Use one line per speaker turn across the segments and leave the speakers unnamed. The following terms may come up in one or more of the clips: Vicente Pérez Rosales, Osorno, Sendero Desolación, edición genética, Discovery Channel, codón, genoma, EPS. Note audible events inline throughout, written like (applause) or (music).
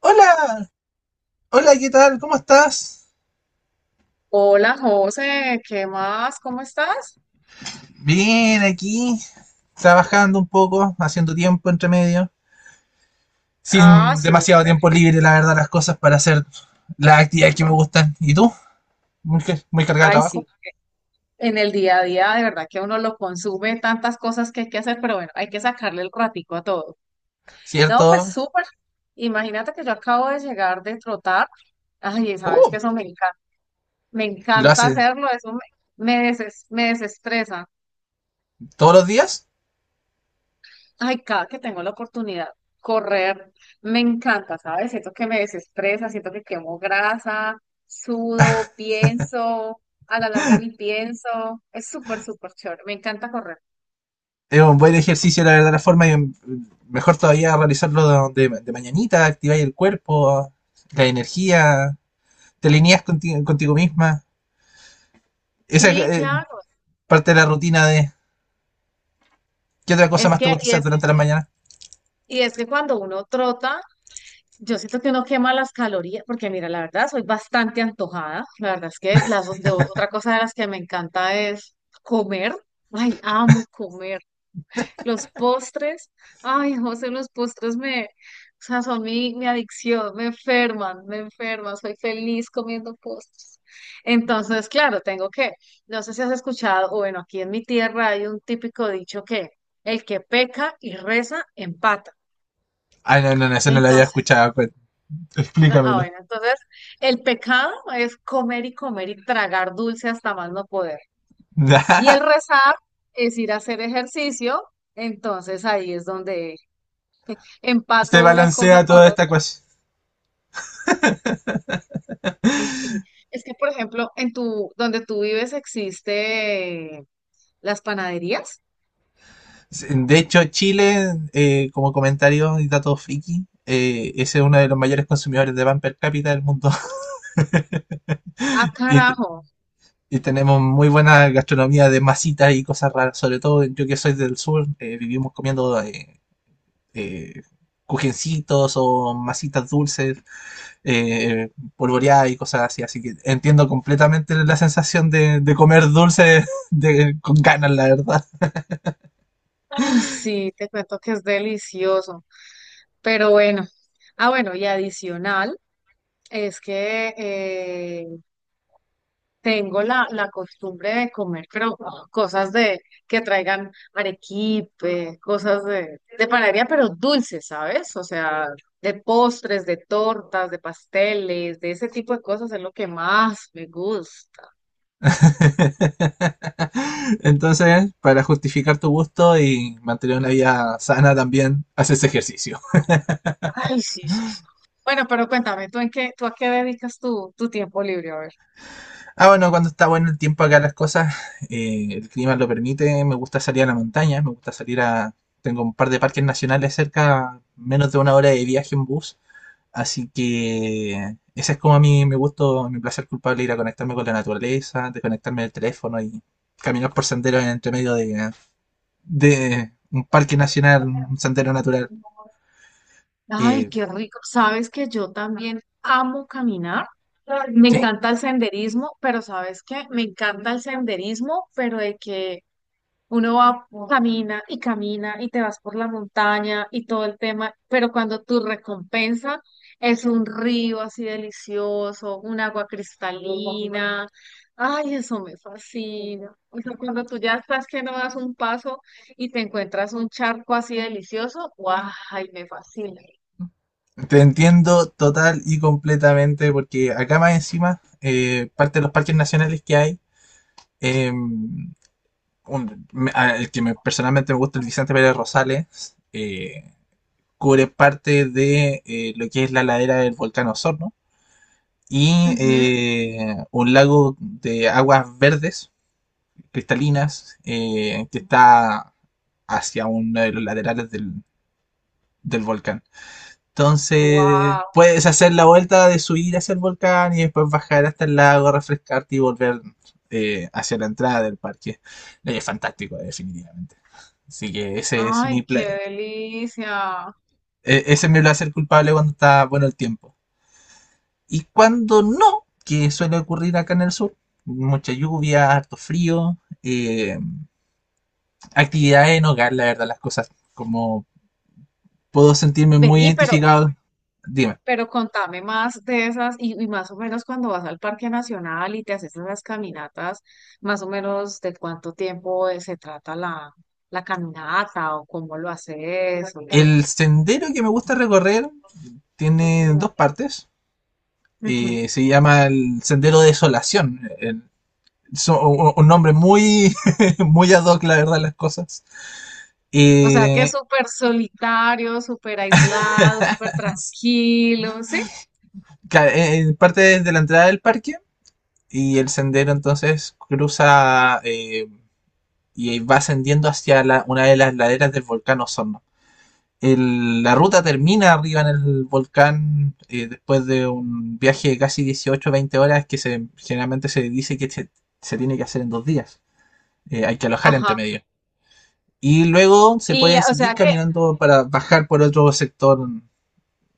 Hola, hola, ¿qué tal? ¿Cómo estás?
Hola José, ¿qué más? ¿Cómo estás?
Bien, aquí, trabajando un poco, haciendo tiempo entre medio,
Ah,
sin
súper.
demasiado tiempo libre, la verdad, las cosas para hacer las actividades que me gustan. ¿Y tú? Muy cargada de
Ay,
trabajo,
sí. En el día a día, de verdad que uno lo consume tantas cosas que hay que hacer, pero bueno, hay que sacarle el ratico a todo. No, pues
¿cierto?
súper. Imagínate que yo acabo de llegar de trotar. Ay, sabes
Uh,
que eso me encanta. Me
¿Lo
encanta
haces
hacerlo, eso me desestresa.
todos los días?
Ay, cada que tengo la oportunidad, correr me encanta, ¿sabes? Siento que me desestresa, siento que quemo grasa, sudo, pienso, a la larga ni pienso. Es súper, súper chévere, me encanta correr.
Es un buen ejercicio, la verdad, la forma, y mejor todavía realizarlo de mañanita, activar el cuerpo, la energía, te contigo misma. Esa es
Sí, claro.
parte de la rutina de, ¿qué otra cosa
Es
más te
que,
gusta hacer durante la mañana?
y es que cuando uno trota, yo siento que uno quema las calorías, porque mira, la verdad, soy bastante antojada. La verdad es que otra cosa de las que me encanta es comer. Ay, amo comer. Los postres, ay, José, o sea, son mi adicción, me enferman, soy feliz comiendo postres. Entonces, claro, no sé si has escuchado, o bueno, aquí en mi tierra hay un típico dicho que el que peca y reza, empata.
Ah, no, no, no, eso no lo había
Entonces,
escuchado. Explícamelo.
bueno, entonces el pecado es comer y comer y tragar dulce hasta más no poder. Y el
(laughs)
rezar es ir a hacer ejercicio, entonces ahí es donde
Se
empato una cosa
balancea
con
toda esta
otra.
cosa.
Ay, sí. Es que, por ejemplo, donde tú vives existe las panaderías.
De hecho, Chile, como comentario y dato friki, ese es uno de los mayores consumidores de pan per cápita del mundo. (laughs)
Ah,
Y, te-
carajo.
y tenemos muy buena gastronomía de masitas y cosas raras. Sobre todo yo que soy del sur, vivimos comiendo eh, cujencitos o masitas dulces polvoreada y cosas así. Así que entiendo completamente la sensación de comer dulce de, con ganas, la verdad.
Ay, sí, te cuento que es delicioso. Pero bueno. Ah, bueno, y adicional es que tengo la costumbre de comer, pero cosas de que traigan arequipe, cosas de panadería, pero dulces, ¿sabes? O sea, de postres, de tortas, de pasteles, de ese tipo de cosas es lo que más me gusta.
(laughs) Entonces, para justificar tu gusto y mantener una vida sana también, haces ejercicio.
Ay, sí, sí, sí. Bueno, pero cuéntame, ¿tú a qué dedicas tu tiempo libre? A ver.
Ah, bueno, cuando está bueno el tiempo acá, las cosas, el clima lo permite. Me gusta salir a la montaña, me gusta salir a. Tengo un par de parques nacionales cerca, menos de una hora de viaje en bus. Así que ese es como a mí me gusto, mi placer culpable, ir a conectarme con la naturaleza, desconectarme del teléfono y caminar por senderos en entre medio de un parque nacional, un sendero natural.
Ay,
Eh,
qué rico. Sabes que yo también amo caminar. Me
¿Qué?
encanta el senderismo, pero ¿sabes qué? Me encanta el senderismo, pero de que Uno va, camina y camina y te vas por la montaña y todo el tema, pero cuando tu recompensa es un río así delicioso, un agua cristalina, ay, eso me fascina. O sea, cuando tú ya estás que no das un paso y te encuentras un charco así delicioso, guau, ay, me fascina.
Te entiendo total y completamente porque acá más encima, parte de los parques nacionales que hay, eh, un- el personalmente me gusta, el Vicente Pérez Rosales, cubre parte de lo que es la ladera del volcán Osorno y
Ujú.
un lago de aguas verdes, cristalinas, que está hacia uno de los laterales del, del volcán. Entonces,
Wow,
puedes hacer la vuelta de subir hacia el volcán y después bajar hasta el lago, refrescarte y volver hacia la entrada del parque. Es fantástico, definitivamente. Así que
ay, qué delicia.
ese es mi placer culpable cuando está bueno el tiempo. Y cuando no, que suele ocurrir acá en el sur, mucha lluvia, harto frío, eh, actividades en hogar, la verdad, las cosas, como puedo sentirme muy
Vení,
identificado, dime.
pero contame más de esas y más o menos cuando vas al Parque Nacional y te haces esas caminatas, más o menos de cuánto tiempo se trata la caminata o cómo lo haces o qué.
El sendero que me gusta recorrer tiene dos partes.
Ujú.
Se llama el Sendero Desolación. Un nombre muy, (laughs) muy ad hoc, la verdad, las cosas.
O sea que es
Eh,
súper solitario, súper aislado, súper tranquilo, ¿sí?
Parte desde la entrada del parque y el sendero entonces cruza y va ascendiendo hacia la, una de las laderas del volcán Osorno. La ruta termina arriba en el volcán después de un viaje de casi 18-20 horas generalmente se dice se tiene que hacer en 2 días. Hay que alojar entre
Ajá.
medio. Y luego se
Y
puede
o
seguir
sea que,
caminando para bajar por otro sector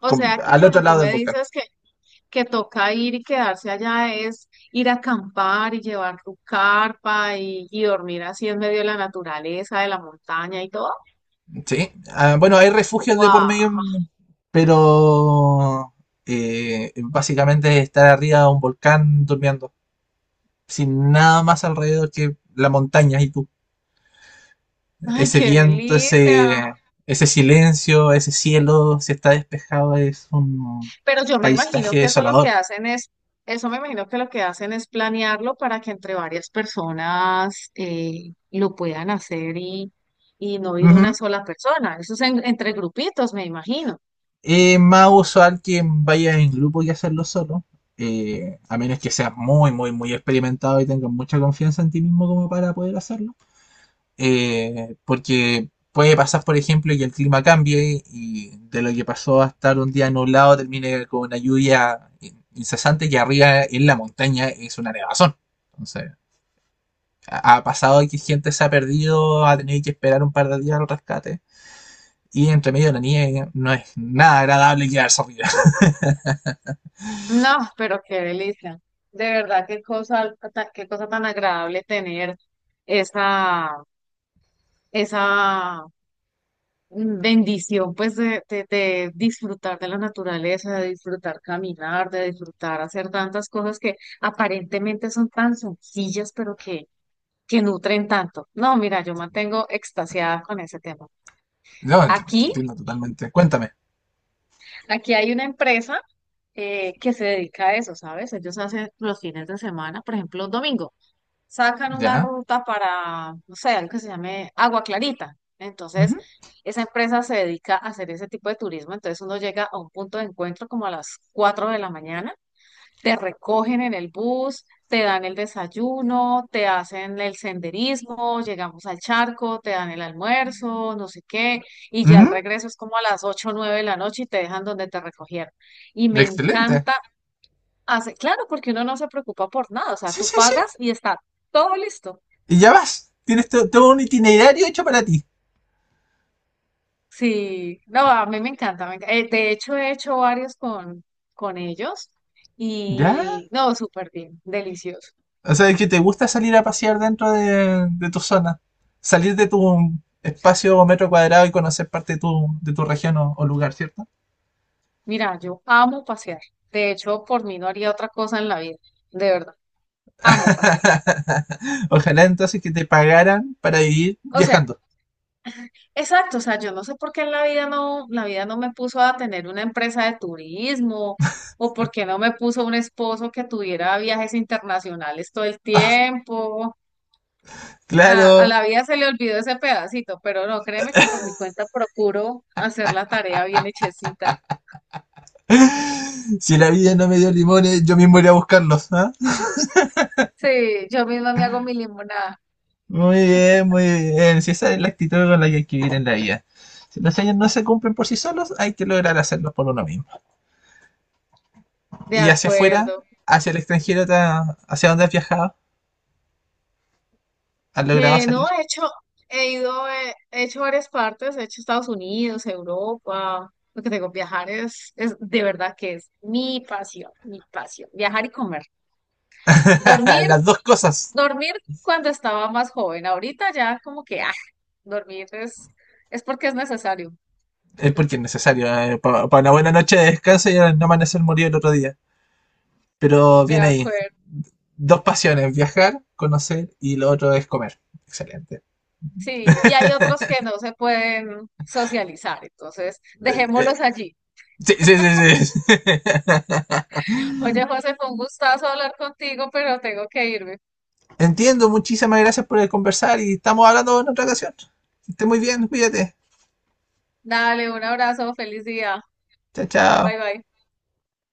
o
con,
sea que
al otro
cuando tú
lado del
me
volcán.
dices que toca ir y quedarse allá es ir a acampar y llevar tu carpa y dormir así en medio de la naturaleza, de la montaña y todo.
¿Sí? Ah, bueno, hay refugios de por
¡Wow!
medio, pero básicamente es estar arriba de un volcán durmiendo sin nada más alrededor que la montaña y tú.
¡Ay,
Ese
qué
viento,
delicia!
ese silencio, ese cielo, si está despejado, es un
Pero yo me imagino
paisaje
que eso lo que
desolador.
hacen es, eso me imagino que lo que hacen es planearlo para que entre varias personas lo puedan hacer y no ir
Ujú.
una sola persona. Entre grupitos, me imagino.
Es más usual que vaya en grupo y hacerlo solo, a menos que seas muy, muy, muy experimentado y tengas mucha confianza en ti mismo como para poder hacerlo. Porque puede pasar, por ejemplo, que el clima cambie y de lo que pasó a estar un día nublado termine con una incesante que arriba en la montaña es una nevazón. Entonces, ha pasado que gente se ha perdido, ha tenido que esperar un par de días al rescate. Y entre medio de la nieve no es nada agradable quedarse arriba. (laughs)
No, pero qué delicia. De verdad, qué cosa tan agradable tener esa, esa bendición, pues, de disfrutar de la naturaleza, de disfrutar caminar, de disfrutar hacer tantas cosas que aparentemente son tan sencillas, pero que nutren tanto. No, mira, yo mantengo extasiada con ese tema.
No, te
Aquí,
entiendo totalmente. Cuéntame.
aquí hay una empresa que se dedica a eso, ¿sabes? Ellos hacen los fines de semana, por ejemplo, domingos. Sacan una
¿Ya?
ruta para, no sé, algo que se llame Agua Clarita. Entonces,
Ujú,
esa empresa se dedica a hacer ese tipo de turismo. Entonces, uno llega a un punto de encuentro como a las 4 de la mañana, te recogen en el bus, te dan el desayuno, te hacen el senderismo, llegamos al charco, te dan el almuerzo, no sé qué, y ya el
ujú,
regreso es como a las 8 o 9 de la noche y te dejan donde te recogieron. Y me
excelente.
encanta hacer, claro, porque uno no se preocupa por nada, o sea,
Sí,
tú
sí, sí.
pagas y está todo listo.
Y ya vas. Tienes todo un itinerario hecho para ti.
Sí, no, a mí me encanta. De hecho, he hecho varios con ellos
¿Ya?
y no, súper bien, delicioso.
O sea, que te gusta salir a pasear dentro de tu zona. Salir de tu espacio o metro cuadrado y conocer parte de tu región o lugar, ¿cierto?
Mira, yo amo pasear. De hecho, por mí no haría otra cosa en la vida. De verdad, amo pasear.
(laughs) Ojalá entonces que te pagaran para vivir
O sea,
viajando.
exacto, o sea, yo no sé por qué en la vida no me puso a tener una empresa de turismo o por qué no me puso un esposo que tuviera viajes internacionales todo el tiempo. A
Claro.
la vida se le olvidó ese pedacito, pero no, créeme que por mi cuenta procuro hacer la tarea bien hechecita.
Si la vida no me dio limones, yo mismo iré a buscarlos, ¿ah?
Sí, yo misma me hago mi limonada.
Muy bien, muy bien. Si esa es la actitud con la que hay que vivir en la vida. Si los sueños no se cumplen por sí solos, hay que lograr hacerlos por uno mismo.
De
Y hacia afuera,
acuerdo.
hacia el extranjero, hacia donde has viajado. Han logrado
No,
salir.
he hecho, he ido, he hecho varias partes, he hecho Estados Unidos, Europa. Lo que tengo, viajar es de verdad que es mi pasión, mi pasión. Viajar y comer.
(laughs)
Dormir,
Las dos cosas.
dormir cuando estaba más joven. Ahorita ya como que, ah, dormir es, es porque es necesario.
Es porque es necesario. Para pa una buena noche de descanso y no amanecer morir el otro día. Pero
De
bien ahí.
acuerdo.
Dos pasiones, viajar, conocer y lo otro es comer. Excelente.
Sí, y hay otros que no se pueden socializar, entonces
Eh, eh,
dejémoslos allí.
Sí, sí, sí, sí. (laughs)
Oye, José, fue un gustazo hablar contigo, pero tengo que irme.
Entiendo, muchísimas gracias por el conversar y estamos hablando en otra ocasión. Que esté muy bien, cuídate.
Dale, un abrazo, feliz día.
Chao, chao.
Bye bye.